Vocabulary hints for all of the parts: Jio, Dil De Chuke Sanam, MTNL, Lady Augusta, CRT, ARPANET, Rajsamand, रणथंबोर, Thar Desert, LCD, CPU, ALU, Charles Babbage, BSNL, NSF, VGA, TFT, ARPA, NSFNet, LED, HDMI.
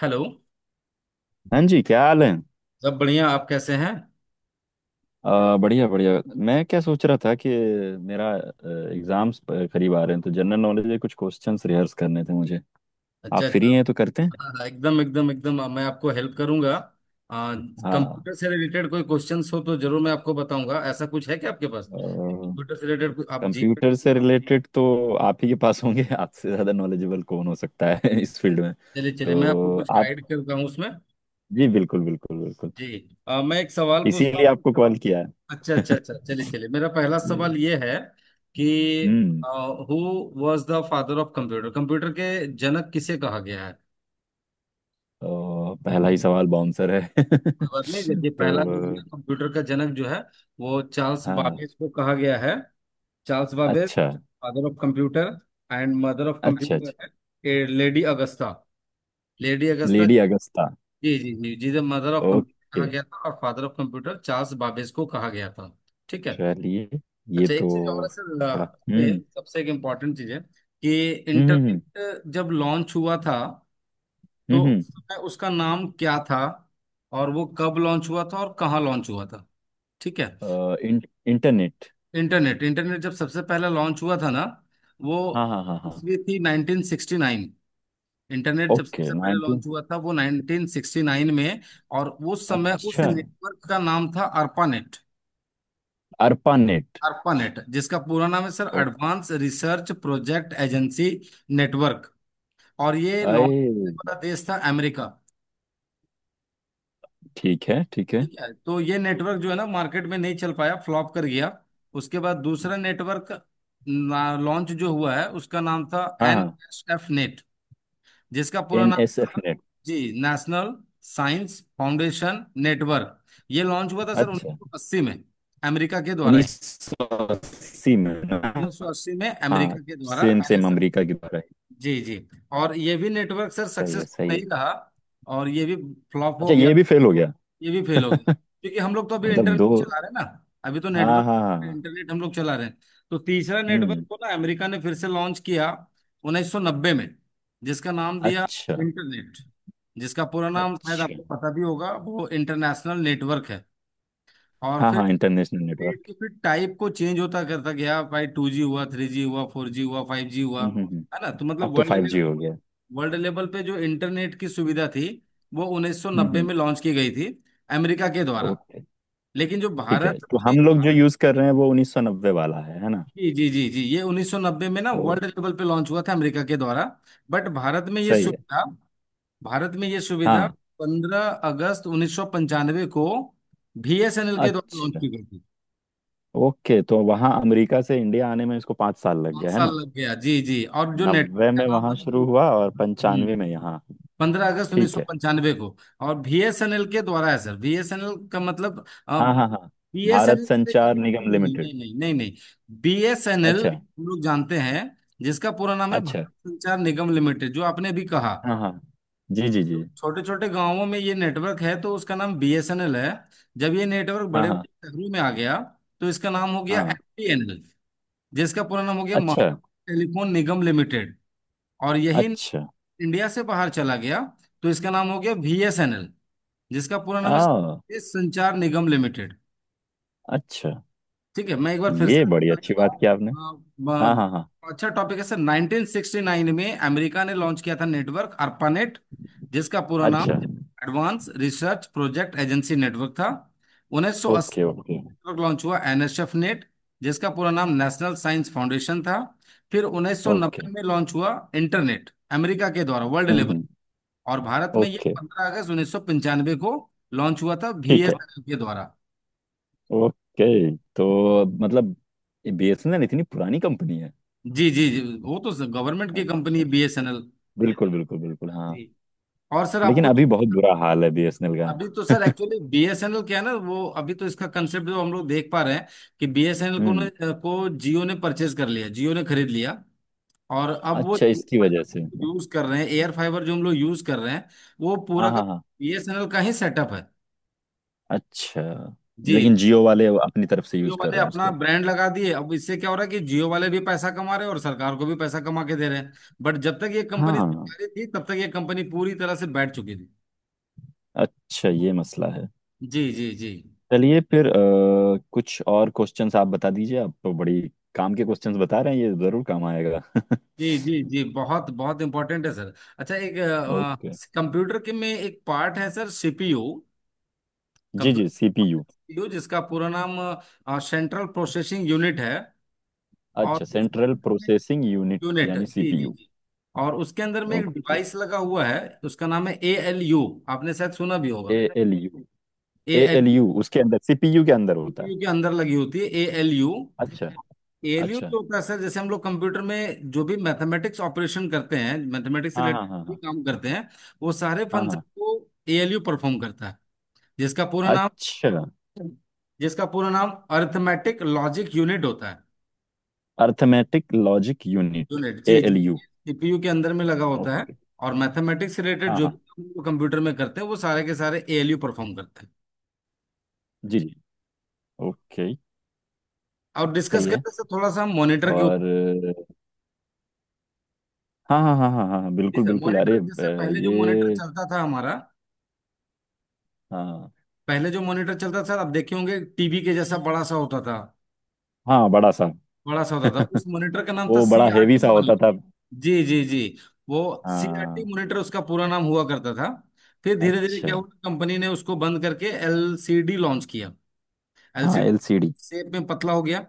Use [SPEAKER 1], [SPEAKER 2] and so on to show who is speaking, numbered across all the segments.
[SPEAKER 1] Hello.
[SPEAKER 2] हाँ जी, क्या हाल है?
[SPEAKER 1] सब बढ़िया, आप कैसे हैं?
[SPEAKER 2] बढ़िया बढ़िया। मैं क्या सोच रहा था कि मेरा एग्जाम्स करीब आ रहे हैं, तो जनरल नॉलेज के कुछ क्वेश्चंस रिहर्स करने थे मुझे।
[SPEAKER 1] अच्छा
[SPEAKER 2] आप
[SPEAKER 1] अच्छा।
[SPEAKER 2] फ्री हैं तो करते हैं।
[SPEAKER 1] हाँ, हाँ, एकदम एकदम एकदम, मैं आपको हेल्प करूंगा।
[SPEAKER 2] हाँ।
[SPEAKER 1] कंप्यूटर से रिलेटेड कोई क्वेश्चंस हो तो जरूर मैं आपको बताऊंगा। ऐसा कुछ है क्या आपके पास? कंप्यूटर से रिलेटेड कुछ आप? जी।
[SPEAKER 2] कंप्यूटर से रिलेटेड तो आप ही के पास होंगे। आपसे ज़्यादा नॉलेजेबल कौन हो सकता है इस फील्ड में।
[SPEAKER 1] चलिए चलिए, मैं आपको
[SPEAKER 2] तो
[SPEAKER 1] कुछ
[SPEAKER 2] आप।
[SPEAKER 1] गाइड करता हूँ उसमें।
[SPEAKER 2] जी, बिल्कुल बिल्कुल बिल्कुल।
[SPEAKER 1] जी। मैं एक सवाल पूछता
[SPEAKER 2] इसीलिए
[SPEAKER 1] हूँ।
[SPEAKER 2] आपको कॉल किया है।
[SPEAKER 1] अच्छा अच्छा अच्छा, चलिए चलिए, मेरा पहला
[SPEAKER 2] जी।
[SPEAKER 1] सवाल ये है कि
[SPEAKER 2] hmm.
[SPEAKER 1] Who was the father of computer? Computer के जनक किसे कहा गया है?
[SPEAKER 2] तो पहला ही सवाल बाउंसर है
[SPEAKER 1] कोई बात नहीं, देखिए पहला जो है ना,
[SPEAKER 2] तो।
[SPEAKER 1] कंप्यूटर का जनक जो है वो चार्ल्स
[SPEAKER 2] हाँ,
[SPEAKER 1] बाबेज को कहा गया है। चार्ल्स बाबेज
[SPEAKER 2] अच्छा
[SPEAKER 1] father of computer, and mother of
[SPEAKER 2] अच्छा
[SPEAKER 1] कंप्यूटर
[SPEAKER 2] अच्छा।
[SPEAKER 1] है lady Augusta. Lady Augusta.
[SPEAKER 2] Lady Augusta.
[SPEAKER 1] जी जी जी जी, द मदर ऑफ कंप्यूटर कहा
[SPEAKER 2] ओके,
[SPEAKER 1] गया था और father of computer Charles Babbage को कहा गया था। ठीक है।
[SPEAKER 2] चलिए। ये
[SPEAKER 1] अच्छा,
[SPEAKER 2] तो।
[SPEAKER 1] एक चीज और है सर,
[SPEAKER 2] थोड़ा। हम्म,
[SPEAKER 1] में सबसे एक इम्पॉर्टेंट चीज है कि
[SPEAKER 2] हम्म, हम्म,
[SPEAKER 1] इंटरनेट जब लॉन्च हुआ था तो
[SPEAKER 2] हम्म,
[SPEAKER 1] उस
[SPEAKER 2] हम्म।
[SPEAKER 1] समय उसका नाम क्या था, और वो कब लॉन्च हुआ था और कहाँ लॉन्च हुआ था? ठीक है।
[SPEAKER 2] अ, इं, इंटरनेट।
[SPEAKER 1] इंटरनेट इंटरनेट जब सबसे पहला लॉन्च हुआ था ना, वो
[SPEAKER 2] हाँ हाँ हाँ हाँ।
[SPEAKER 1] इसलिए थी 1969। इंटरनेट जब
[SPEAKER 2] ओके,
[SPEAKER 1] सबसे पहले
[SPEAKER 2] नाइनटीन।
[SPEAKER 1] लॉन्च हुआ था वो 1969 में। और उस समय उस
[SPEAKER 2] अच्छा।
[SPEAKER 1] नेटवर्क का नाम था अर्पानेट।
[SPEAKER 2] ARPANET।
[SPEAKER 1] अर्पानेट जिसका पूरा नाम है सर
[SPEAKER 2] ओ।
[SPEAKER 1] Advance research project agency network. और ये लॉन्च
[SPEAKER 2] आए।
[SPEAKER 1] करने वाला देश था अमेरिका।
[SPEAKER 2] ठीक है ठीक है।
[SPEAKER 1] ठीक है, तो ये नेटवर्क जो है ना मार्केट में नहीं चल पाया, फ्लॉप कर गया। उसके बाद दूसरा नेटवर्क लॉन्च जो हुआ है उसका नाम था
[SPEAKER 2] हाँ
[SPEAKER 1] एन
[SPEAKER 2] हाँ।
[SPEAKER 1] एस एफ नेट, जिसका पूरा
[SPEAKER 2] एन
[SPEAKER 1] नाम
[SPEAKER 2] एस एफ
[SPEAKER 1] था
[SPEAKER 2] नेट
[SPEAKER 1] जी नेशनल साइंस फाउंडेशन नेटवर्क। ये लॉन्च हुआ था सर
[SPEAKER 2] अच्छा।
[SPEAKER 1] 1980 में, अमेरिका के द्वारा ही।
[SPEAKER 2] 1980 में ना?
[SPEAKER 1] 1980 में
[SPEAKER 2] हाँ।
[SPEAKER 1] अमेरिका के द्वारा
[SPEAKER 2] सेम सेम,
[SPEAKER 1] एनएसएफ।
[SPEAKER 2] अमेरिका की तरह ही।
[SPEAKER 1] जी जी। और ये भी नेटवर्क सर
[SPEAKER 2] सही है
[SPEAKER 1] सक्सेसफुल
[SPEAKER 2] सही है।
[SPEAKER 1] नहीं रहा, और ये भी फ्लॉप हो
[SPEAKER 2] अच्छा,
[SPEAKER 1] गया,
[SPEAKER 2] ये भी फेल हो गया।
[SPEAKER 1] ये भी फेल हो गया। क्योंकि हम लोग तो अभी
[SPEAKER 2] मतलब
[SPEAKER 1] इंटरनेट
[SPEAKER 2] दो।
[SPEAKER 1] चला रहे हैं ना, अभी तो
[SPEAKER 2] हाँ हाँ
[SPEAKER 1] नेटवर्क
[SPEAKER 2] हाँ हाँ।
[SPEAKER 1] इंटरनेट हम लोग चला रहे हैं। तो तीसरा नेटवर्क
[SPEAKER 2] हम्म।
[SPEAKER 1] को ना अमेरिका ने फिर से लॉन्च किया 1990 में, जिसका नाम दिया
[SPEAKER 2] अच्छा
[SPEAKER 1] इंटरनेट, जिसका पूरा नाम शायद
[SPEAKER 2] अच्छा।
[SPEAKER 1] आपको पता भी होगा, वो इंटरनेशनल नेटवर्क है। और
[SPEAKER 2] हाँ
[SPEAKER 1] फिर
[SPEAKER 2] हाँ, इंटरनेशनल नेटवर्क।
[SPEAKER 1] नेट के फिर टाइप को चेंज होता करता गया भाई, टू जी हुआ, थ्री जी हुआ, फोर जी हुआ, फाइव जी हुआ,
[SPEAKER 2] हम्म, हम्म,
[SPEAKER 1] है ना? तो
[SPEAKER 2] अब
[SPEAKER 1] मतलब
[SPEAKER 2] तो
[SPEAKER 1] वर्ल्ड
[SPEAKER 2] फाइव
[SPEAKER 1] लेवल,
[SPEAKER 2] जी हो गया है।
[SPEAKER 1] वर्ल्ड लेवल पे जो इंटरनेट की सुविधा थी वो 1990
[SPEAKER 2] हम्म।
[SPEAKER 1] में लॉन्च की गई थी अमेरिका के द्वारा।
[SPEAKER 2] ओके,
[SPEAKER 1] लेकिन जो
[SPEAKER 2] ठीक है।
[SPEAKER 1] भारत
[SPEAKER 2] तो
[SPEAKER 1] में,
[SPEAKER 2] हम लोग जो यूज कर रहे हैं वो 1990 वाला है ना?
[SPEAKER 1] जी जी जी जी, ये 1990 में ना
[SPEAKER 2] ओ।
[SPEAKER 1] वर्ल्ड लेवल पे लॉन्च हुआ था अमेरिका के द्वारा। बट भारत में ये
[SPEAKER 2] सही है।
[SPEAKER 1] सुविधा, भारत में ये सुविधा
[SPEAKER 2] हाँ।
[SPEAKER 1] 15 अगस्त 1995 को बीएसएनएल के द्वारा लॉन्च
[SPEAKER 2] अच्छा,
[SPEAKER 1] की गई थी।
[SPEAKER 2] ओके। तो वहाँ अमेरिका से इंडिया आने में इसको 5 साल लग
[SPEAKER 1] पांच
[SPEAKER 2] गया, है
[SPEAKER 1] साल
[SPEAKER 2] ना?
[SPEAKER 1] लग गया। जी जी। और जो नेटवर्क
[SPEAKER 2] नब्बे
[SPEAKER 1] का
[SPEAKER 2] में
[SPEAKER 1] नाम था
[SPEAKER 2] वहाँ शुरू
[SPEAKER 1] जो-
[SPEAKER 2] हुआ और 95
[SPEAKER 1] हम्म,
[SPEAKER 2] में यहाँ।
[SPEAKER 1] पंद्रह अगस्त उन्नीस
[SPEAKER 2] ठीक
[SPEAKER 1] सौ
[SPEAKER 2] है।
[SPEAKER 1] पंचानवे को। और बीएसएनएल के द्वारा है सर। बीएसएनएल का मतलब
[SPEAKER 2] हाँ हाँ हाँ। भारत
[SPEAKER 1] बीएसएनएल,
[SPEAKER 2] संचार
[SPEAKER 1] नहीं
[SPEAKER 2] निगम
[SPEAKER 1] नहीं
[SPEAKER 2] लिमिटेड।
[SPEAKER 1] नहीं नहीं नहीं नहीं, बीएसएनएल
[SPEAKER 2] अच्छा
[SPEAKER 1] हम लोग जानते हैं, जिसका पूरा नाम है
[SPEAKER 2] अच्छा।
[SPEAKER 1] भारत संचार निगम लिमिटेड, जो आपने अभी कहा।
[SPEAKER 2] हाँ हाँ। जी जी जी।
[SPEAKER 1] छोटे छोटे गांवों में ये नेटवर्क है तो उसका नाम बीएसएनएल है। जब ये नेटवर्क
[SPEAKER 2] हाँ
[SPEAKER 1] बड़े बड़े
[SPEAKER 2] हाँ
[SPEAKER 1] शहरों में आ गया तो इसका नाम हो गया
[SPEAKER 2] हाँ।
[SPEAKER 1] एमटीएनएल, जिसका पूरा नाम हो गया
[SPEAKER 2] अच्छा
[SPEAKER 1] महाराष्ट्र टेलीफोन निगम लिमिटेड। और यही
[SPEAKER 2] अच्छा।
[SPEAKER 1] इंडिया से बाहर चला गया तो इसका नाम हो गया बीएसएनएल, जिसका पूरा नाम
[SPEAKER 2] आ
[SPEAKER 1] है संचार निगम लिमिटेड।
[SPEAKER 2] अच्छा,
[SPEAKER 1] ठीक है, मैं एक बार फिर से
[SPEAKER 2] ये बड़ी
[SPEAKER 1] बता
[SPEAKER 2] अच्छी
[SPEAKER 1] देता
[SPEAKER 2] बात की आपने।
[SPEAKER 1] हूँ। अ,
[SPEAKER 2] हाँ
[SPEAKER 1] ब-
[SPEAKER 2] हाँ हाँ।
[SPEAKER 1] अच्छा टॉपिक है सर। 1969 में अमेरिका ने लॉन्च किया था नेटवर्क ARPANET, जिसका पूरा नाम
[SPEAKER 2] अच्छा।
[SPEAKER 1] Advance research project agency network था। 1980
[SPEAKER 2] ओके ओके
[SPEAKER 1] नेटवर्क लॉन्च हुआ एनएसएफ नेट, जिसका पूरा नाम नेशनल साइंस फाउंडेशन था। फिर
[SPEAKER 2] ओके।
[SPEAKER 1] 1990 में लॉन्च हुआ इंटरनेट, अमेरिका के द्वारा, वर्ल्ड लेवल।
[SPEAKER 2] हम्म।
[SPEAKER 1] और भारत में ये
[SPEAKER 2] ओके,
[SPEAKER 1] 15 अगस्त 1995 को लॉन्च हुआ था
[SPEAKER 2] ठीक है।
[SPEAKER 1] बीएसएनएल के द्वारा।
[SPEAKER 2] ओके, तो मतलब बीएसएनएल इतनी पुरानी कंपनी है।
[SPEAKER 1] जी जी जी, वो तो गवर्नमेंट की कंपनी
[SPEAKER 2] अच्छा।
[SPEAKER 1] है बीएसएनएल।
[SPEAKER 2] बिल्कुल बिल्कुल बिल्कुल, हाँ।
[SPEAKER 1] जी। और सर आप
[SPEAKER 2] लेकिन
[SPEAKER 1] कुछ,
[SPEAKER 2] अभी बहुत बुरा हाल है बीएसएनएल का।
[SPEAKER 1] अभी तो सर एक्चुअली बीएसएनएल क्या है ना, वो अभी तो इसका कंसेप्ट जो हम लोग देख पा रहे हैं कि बीएसएनएल को
[SPEAKER 2] हम्म।
[SPEAKER 1] ने, को जियो ने परचेज कर लिया, जियो ने खरीद लिया। और अब वो
[SPEAKER 2] अच्छा,
[SPEAKER 1] जियो
[SPEAKER 2] इसकी वजह से।
[SPEAKER 1] फाइबर यूज कर रहे हैं, एयर फाइबर जो हम लोग यूज कर रहे हैं वो पूरा
[SPEAKER 2] हाँ
[SPEAKER 1] का
[SPEAKER 2] हाँ हाँ।
[SPEAKER 1] बीएसएनएल का ही सेटअप है।
[SPEAKER 2] अच्छा।
[SPEAKER 1] जी।
[SPEAKER 2] लेकिन जियो वाले अपनी तरफ से
[SPEAKER 1] जियो
[SPEAKER 2] यूज कर
[SPEAKER 1] वाले
[SPEAKER 2] रहे हैं
[SPEAKER 1] अपना
[SPEAKER 2] उसको।
[SPEAKER 1] ब्रांड लगा दिए, अब इससे क्या हो रहा है कि जियो वाले भी पैसा कमा रहे हैं और सरकार को भी पैसा कमा के दे रहे हैं। बट जब तक ये कंपनी
[SPEAKER 2] हाँ।
[SPEAKER 1] सरकारी थी तब तक ये कंपनी पूरी तरह से बैठ चुकी थी।
[SPEAKER 2] अच्छा, ये मसला है।
[SPEAKER 1] जी जी जी
[SPEAKER 2] चलिए फिर, कुछ और क्वेश्चंस आप बता दीजिए। आप तो बड़ी काम के क्वेश्चंस बता रहे हैं, ये जरूर काम आएगा
[SPEAKER 1] जी जी जी, बहुत बहुत इम्पोर्टेंट है सर। अच्छा, एक
[SPEAKER 2] ओके।
[SPEAKER 1] कंप्यूटर के में एक पार्ट है सर, सीपीयू।
[SPEAKER 2] जी जी,
[SPEAKER 1] कंप्यूटर
[SPEAKER 2] सीपीयू।
[SPEAKER 1] सीपीयू जिसका पूरा नाम सेंट्रल प्रोसेसिंग यूनिट है। और
[SPEAKER 2] अच्छा, सेंट्रल प्रोसेसिंग यूनिट
[SPEAKER 1] यूनिट,
[SPEAKER 2] यानी
[SPEAKER 1] जी जी
[SPEAKER 2] सीपीयू।
[SPEAKER 1] जी। और उसके अंदर में एक
[SPEAKER 2] ओके,
[SPEAKER 1] डिवाइस लगा हुआ है, उसका नाम है ए एल यू, आपने शायद सुना भी होगा।
[SPEAKER 2] एएलयू।
[SPEAKER 1] ए,
[SPEAKER 2] एएलयू उसके अंदर, सीपीयू के अंदर होता है?
[SPEAKER 1] सीपीयू के अंदर लगी होती है एएलयू।
[SPEAKER 2] अच्छा।
[SPEAKER 1] एएलयू
[SPEAKER 2] अच्छा।
[SPEAKER 1] जो होता है सर, जैसे हम लोग कंप्यूटर में जो भी मैथमेटिक्स ऑपरेशन करते हैं, मैथमेटिक्स से
[SPEAKER 2] हाँ हाँ
[SPEAKER 1] रिलेटेड
[SPEAKER 2] हाँ
[SPEAKER 1] भी
[SPEAKER 2] हाँ।
[SPEAKER 1] काम करते हैं, वो सारे
[SPEAKER 2] हाँ
[SPEAKER 1] फंक्शन
[SPEAKER 2] हाँ।
[SPEAKER 1] को एएलयू परफॉर्म करता है। जिसका पूरा नाम
[SPEAKER 2] अच्छा,
[SPEAKER 1] जिसका पूरा नाम अरिथमेटिक लॉजिक यूनिट होता है।
[SPEAKER 2] अर्थमेटिक लॉजिक यूनिट,
[SPEAKER 1] यूनिट जी जी।
[SPEAKER 2] एएलयू।
[SPEAKER 1] सीपीयू के अंदर में लगा होता है,
[SPEAKER 2] ओके।
[SPEAKER 1] और मैथमेटिक्स से रिलेटेड
[SPEAKER 2] हाँ
[SPEAKER 1] जो भी
[SPEAKER 2] हाँ,
[SPEAKER 1] काम हम लोग कंप्यूटर में करते हैं वो सारे के सारे एएलयू परफॉर्म करते हैं।
[SPEAKER 2] जी जी। ओके,
[SPEAKER 1] और डिस्कस
[SPEAKER 2] सही है।
[SPEAKER 1] करते सर थोड़ा सा हम मॉनिटर के ऊपर।
[SPEAKER 2] और। हाँ हाँ हाँ हाँ हाँ,
[SPEAKER 1] जी
[SPEAKER 2] बिल्कुल
[SPEAKER 1] सर,
[SPEAKER 2] बिल्कुल। अरे
[SPEAKER 1] मॉनिटर जैसे पहले जो मॉनिटर
[SPEAKER 2] ये।
[SPEAKER 1] चलता था हमारा,
[SPEAKER 2] हाँ
[SPEAKER 1] पहले जो मॉनिटर चलता था, आप देखे होंगे टीवी के जैसा बड़ा सा होता था,
[SPEAKER 2] हाँ, बड़ा सा।
[SPEAKER 1] बड़ा सा होता था, उस मॉनिटर का नाम था
[SPEAKER 2] वो
[SPEAKER 1] सी
[SPEAKER 2] बड़ा
[SPEAKER 1] आर
[SPEAKER 2] हेवी
[SPEAKER 1] टी
[SPEAKER 2] सा होता
[SPEAKER 1] मॉनिटर।
[SPEAKER 2] था।
[SPEAKER 1] जी जी जी। वो सी आर टी
[SPEAKER 2] हाँ।
[SPEAKER 1] मॉनिटर उसका पूरा नाम हुआ करता था। फिर धीरे धीरे
[SPEAKER 2] अच्छा।
[SPEAKER 1] क्या हुआ, कंपनी ने उसको बंद करके एल सी डी लॉन्च किया।
[SPEAKER 2] हाँ,
[SPEAKER 1] एलसीडी
[SPEAKER 2] एलसीडी।
[SPEAKER 1] शेप में पतला हो गया।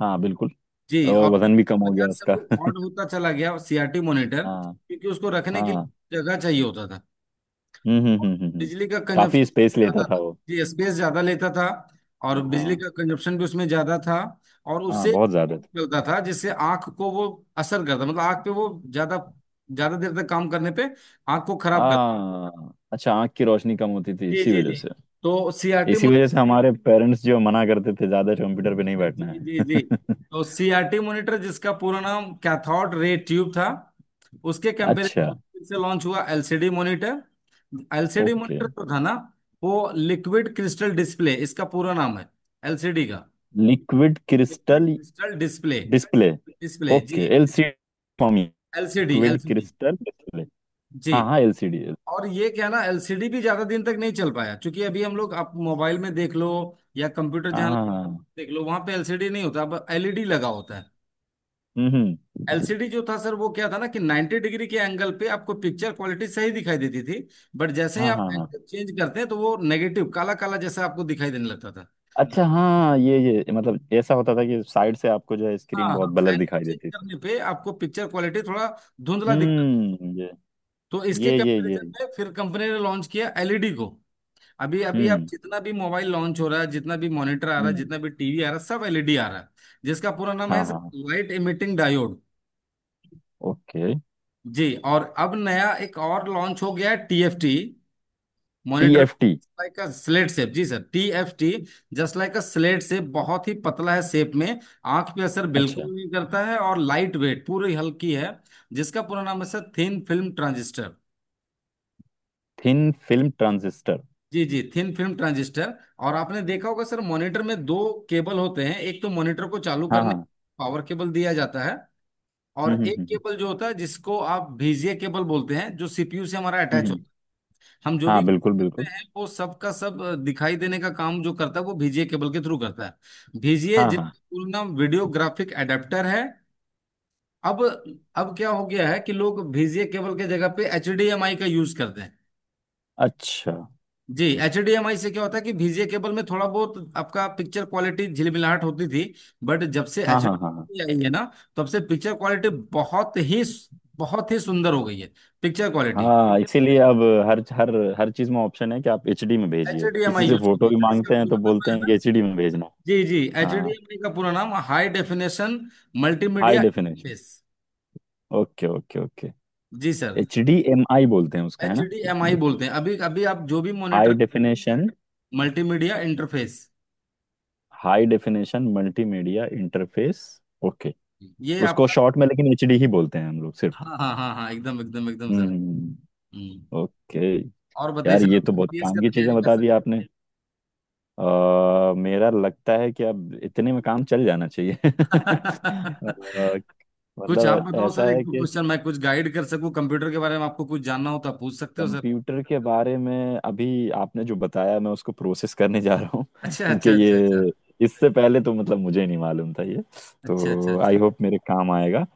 [SPEAKER 2] हाँ बिल्कुल।
[SPEAKER 1] जी,
[SPEAKER 2] और
[SPEAKER 1] और फिर
[SPEAKER 2] वजन भी कम हो गया
[SPEAKER 1] बाजार से
[SPEAKER 2] उसका
[SPEAKER 1] वो ऑड होता चला गया सीआरटी मॉनिटर,
[SPEAKER 2] हाँ
[SPEAKER 1] क्योंकि उसको रखने के
[SPEAKER 2] हाँ।
[SPEAKER 1] लिए जगह चाहिए होता था,
[SPEAKER 2] हम्म, हम्म, हम्म, हम्म,
[SPEAKER 1] बिजली का कंजप्शन
[SPEAKER 2] काफी स्पेस लेता
[SPEAKER 1] ज्यादा
[SPEAKER 2] था
[SPEAKER 1] था।
[SPEAKER 2] वो।
[SPEAKER 1] जी, स्पेस ज्यादा लेता था और बिजली
[SPEAKER 2] हाँ
[SPEAKER 1] का कंजप्शन भी उसमें ज्यादा था। और
[SPEAKER 2] हाँ,
[SPEAKER 1] उससे
[SPEAKER 2] बहुत ज्यादा था।
[SPEAKER 1] चलता था जिससे आंख को वो असर करता, मतलब आंख पे वो ज्यादा, ज्यादा देर तक काम करने पे आंख को खराब करता।
[SPEAKER 2] हाँ, अच्छा, आंख की रोशनी कम होती थी
[SPEAKER 1] जी
[SPEAKER 2] इसी
[SPEAKER 1] जी जी।
[SPEAKER 2] वजह से।
[SPEAKER 1] तो सीआरटी
[SPEAKER 2] इसी वजह से हमारे पेरेंट्स जो मना करते थे, ज्यादा कंप्यूटर पे नहीं बैठना
[SPEAKER 1] जी जी जी,
[SPEAKER 2] है।
[SPEAKER 1] तो सीआरटी मॉनिटर जिसका पूरा नाम कैथोड रे ट्यूब था। उसके कंपैरिजन
[SPEAKER 2] अच्छा।
[SPEAKER 1] फिर से लॉन्च हुआ LCD monitor. LCD
[SPEAKER 2] okay,
[SPEAKER 1] monitor जो था ना, वो लिक्विड क्रिस्टल डिस्प्ले, इसका पूरा नाम है, एलसीडी का,
[SPEAKER 2] liquid
[SPEAKER 1] liquid
[SPEAKER 2] crystal
[SPEAKER 1] crystal display,
[SPEAKER 2] display.
[SPEAKER 1] Display जी।
[SPEAKER 2] Okay, LCD form,
[SPEAKER 1] LCD
[SPEAKER 2] liquid
[SPEAKER 1] LCD
[SPEAKER 2] crystal display.
[SPEAKER 1] जी।
[SPEAKER 2] हाँ हाँ, एलसीडी।
[SPEAKER 1] और ये क्या ना, एलसीडी भी ज्यादा दिन तक नहीं चल पाया, क्योंकि अभी हम लोग आप मोबाइल में देख लो या कंप्यूटर
[SPEAKER 2] हाँ
[SPEAKER 1] जहाँ
[SPEAKER 2] हाँ हाँ हाँ।
[SPEAKER 1] देख लो वहां पे एलसीडी नहीं होता, अब एलईडी लगा होता है।
[SPEAKER 2] हम्म, हम्म।
[SPEAKER 1] एलसीडी जो था सर वो क्या था ना कि 90 डिग्री के एंगल पे आपको पिक्चर क्वालिटी सही दिखाई देती थी, बट जैसे ही
[SPEAKER 2] हाँ
[SPEAKER 1] आप
[SPEAKER 2] हाँ हाँ।
[SPEAKER 1] एंगल चेंज करते हैं तो वो नेगेटिव, काला काला जैसा आपको दिखाई देने लगता था।
[SPEAKER 2] अच्छा हाँ, ये मतलब ऐसा होता था कि साइड से आपको जो है
[SPEAKER 1] हाँ
[SPEAKER 2] स्क्रीन बहुत
[SPEAKER 1] हाँ,
[SPEAKER 2] ब्लर
[SPEAKER 1] एंगल
[SPEAKER 2] दिखाई
[SPEAKER 1] चेंज
[SPEAKER 2] देती थी।
[SPEAKER 1] करने पे आपको पिक्चर क्वालिटी थोड़ा धुंधला दिखता था।
[SPEAKER 2] हम्म। ये
[SPEAKER 1] तो इसके
[SPEAKER 2] ये ये ये
[SPEAKER 1] कंपैरिजन में फिर कंपनी ने लॉन्च किया एलईडी को। अभी अभी आप
[SPEAKER 2] हम्म
[SPEAKER 1] जितना भी मोबाइल लॉन्च हो रहा है, जितना भी मॉनिटर आ रहा है,
[SPEAKER 2] हम्म।
[SPEAKER 1] जितना भी टीवी आ रहा है, सब एलईडी आ रहा है, जिसका पूरा नाम है
[SPEAKER 2] हाँ हाँ हाँ,
[SPEAKER 1] लाइट इमिटिंग डायोड।
[SPEAKER 2] ओके।
[SPEAKER 1] जी, और अब नया एक और लॉन्च हो गया है, TFT monitor,
[SPEAKER 2] TFT.
[SPEAKER 1] Like a slate shape. जी sir, T F T, just like a slate shape, बहुत ही पतला है शेप में, आंख पे असर
[SPEAKER 2] अच्छा,
[SPEAKER 1] बिल्कुल नहीं करता है, और लाइट वेट, पूरी हल्की है। जिसका पूरा नाम है sir thin film transistor.
[SPEAKER 2] Thin film transistor.
[SPEAKER 1] जी जी, थिन फिल्म ट्रांजिस्टर। और आपने देखा होगा सर मॉनिटर में दो केबल होते हैं, एक तो मॉनिटर को चालू
[SPEAKER 2] हाँ
[SPEAKER 1] करने
[SPEAKER 2] हाँ।
[SPEAKER 1] पावर केबल दिया जाता है, और
[SPEAKER 2] हम्म, हम्म,
[SPEAKER 1] एक
[SPEAKER 2] हम्म,
[SPEAKER 1] केबल जो होता है जिसको आप बीजीए केबल बोलते हैं, जो सीपीयू से हमारा अटैच
[SPEAKER 2] हम्म।
[SPEAKER 1] होता है। हम जो
[SPEAKER 2] हाँ
[SPEAKER 1] भी
[SPEAKER 2] बिल्कुल बिल्कुल।
[SPEAKER 1] करते हैं वो सब का सब, दिखाई देने का काम जो करता है वो बीजीए केबल के थ्रू करता है। बीजीए
[SPEAKER 2] हाँ हाँ।
[SPEAKER 1] जिसका पूरा नाम वीडियो ग्राफिक एडेप्टर है। अब अब क्या हो गया है कि लोग बीजीए केबल के जगह पे एचडीएमआई का यूज करते हैं।
[SPEAKER 2] अच्छा।
[SPEAKER 1] जी, एचडीएमआई से क्या होता है कि बीजीए केबल में थोड़ा बहुत आपका पिक्चर क्वालिटी झिलमिलाहट होती थी, बट जब से
[SPEAKER 2] हाँ हाँ हाँ
[SPEAKER 1] एचडी आई है ना, तब से पिक्चर क्वालिटी बहुत ही, बहुत ही सुंदर हो गई है पिक्चर क्वालिटी।
[SPEAKER 2] हाँ, इसीलिए अब हर हर हर चीज में ऑप्शन है कि आप एचडी में भेजिए, किसी
[SPEAKER 1] एचडीएमआई
[SPEAKER 2] से
[SPEAKER 1] यूज
[SPEAKER 2] फोटो
[SPEAKER 1] कीजिए
[SPEAKER 2] भी
[SPEAKER 1] सर, इसका
[SPEAKER 2] मांगते हैं तो
[SPEAKER 1] पूरा नाम
[SPEAKER 2] बोलते
[SPEAKER 1] है
[SPEAKER 2] हैं
[SPEAKER 1] ना,
[SPEAKER 2] कि एचडी में भेजना।
[SPEAKER 1] जी जी।
[SPEAKER 2] हाँ,
[SPEAKER 1] एचडीएमआई का पूरा नाम high definition
[SPEAKER 2] high
[SPEAKER 1] multimedia
[SPEAKER 2] definition.
[SPEAKER 1] Interface.
[SPEAKER 2] Okay okay okay.
[SPEAKER 1] जी sir.
[SPEAKER 2] H D M I बोलते हैं उसका, है ना?
[SPEAKER 1] एचडीएमआई बोलते हैं, अभी अभी आप जो भी
[SPEAKER 2] high
[SPEAKER 1] monitor,
[SPEAKER 2] definition.
[SPEAKER 1] Multimedia interface
[SPEAKER 2] high definition multimedia interface. Okay.
[SPEAKER 1] ये
[SPEAKER 2] उसको
[SPEAKER 1] आपका।
[SPEAKER 2] शॉर्ट में लेकिन एचडी ही बोलते हैं हम लोग, सिर्फ।
[SPEAKER 1] हाँ हाँ हाँ हाँ, एकदम एकदम एकदम सर।
[SPEAKER 2] हम्म।
[SPEAKER 1] हम्म।
[SPEAKER 2] ओके।
[SPEAKER 1] और बताइए
[SPEAKER 2] यार,
[SPEAKER 1] सर
[SPEAKER 2] ये तो
[SPEAKER 1] आपका
[SPEAKER 2] बहुत
[SPEAKER 1] पीएस का
[SPEAKER 2] काम की चीजें
[SPEAKER 1] तैयारी
[SPEAKER 2] बता
[SPEAKER 1] कैसा?
[SPEAKER 2] दी आपने। मेरा लगता है कि अब इतने में काम चल जाना चाहिए अ,
[SPEAKER 1] कुछ आप
[SPEAKER 2] मतलब
[SPEAKER 1] बताओ
[SPEAKER 2] ऐसा
[SPEAKER 1] सर, एक
[SPEAKER 2] है
[SPEAKER 1] दो
[SPEAKER 2] कि
[SPEAKER 1] क्वेश्चन मैं कुछ गाइड कर सकूं, कंप्यूटर के बारे में आपको कुछ जानना हो तो आप पूछ सकते हो सर।
[SPEAKER 2] कंप्यूटर के बारे में अभी आपने जो बताया मैं उसको प्रोसेस करने जा रहा हूँ
[SPEAKER 1] अच्छा
[SPEAKER 2] क्योंकि
[SPEAKER 1] अच्छा अच्छा अच्छा,
[SPEAKER 2] ये इससे पहले तो मतलब मुझे नहीं मालूम था ये।
[SPEAKER 1] अच्छा अच्छा
[SPEAKER 2] तो आई
[SPEAKER 1] अच्छा
[SPEAKER 2] होप मेरे काम आएगा।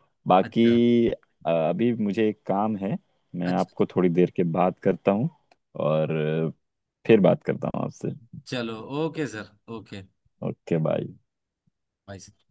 [SPEAKER 1] अच्छा
[SPEAKER 2] बाकी अभी मुझे एक काम है। मैं
[SPEAKER 1] अच्छा।
[SPEAKER 2] आपको थोड़ी देर के बात करता हूँ। और अ, फिर बात करता हूँ आपसे।
[SPEAKER 1] चलो, okay sir. Okay
[SPEAKER 2] okay, bye.
[SPEAKER 1] Bye sir.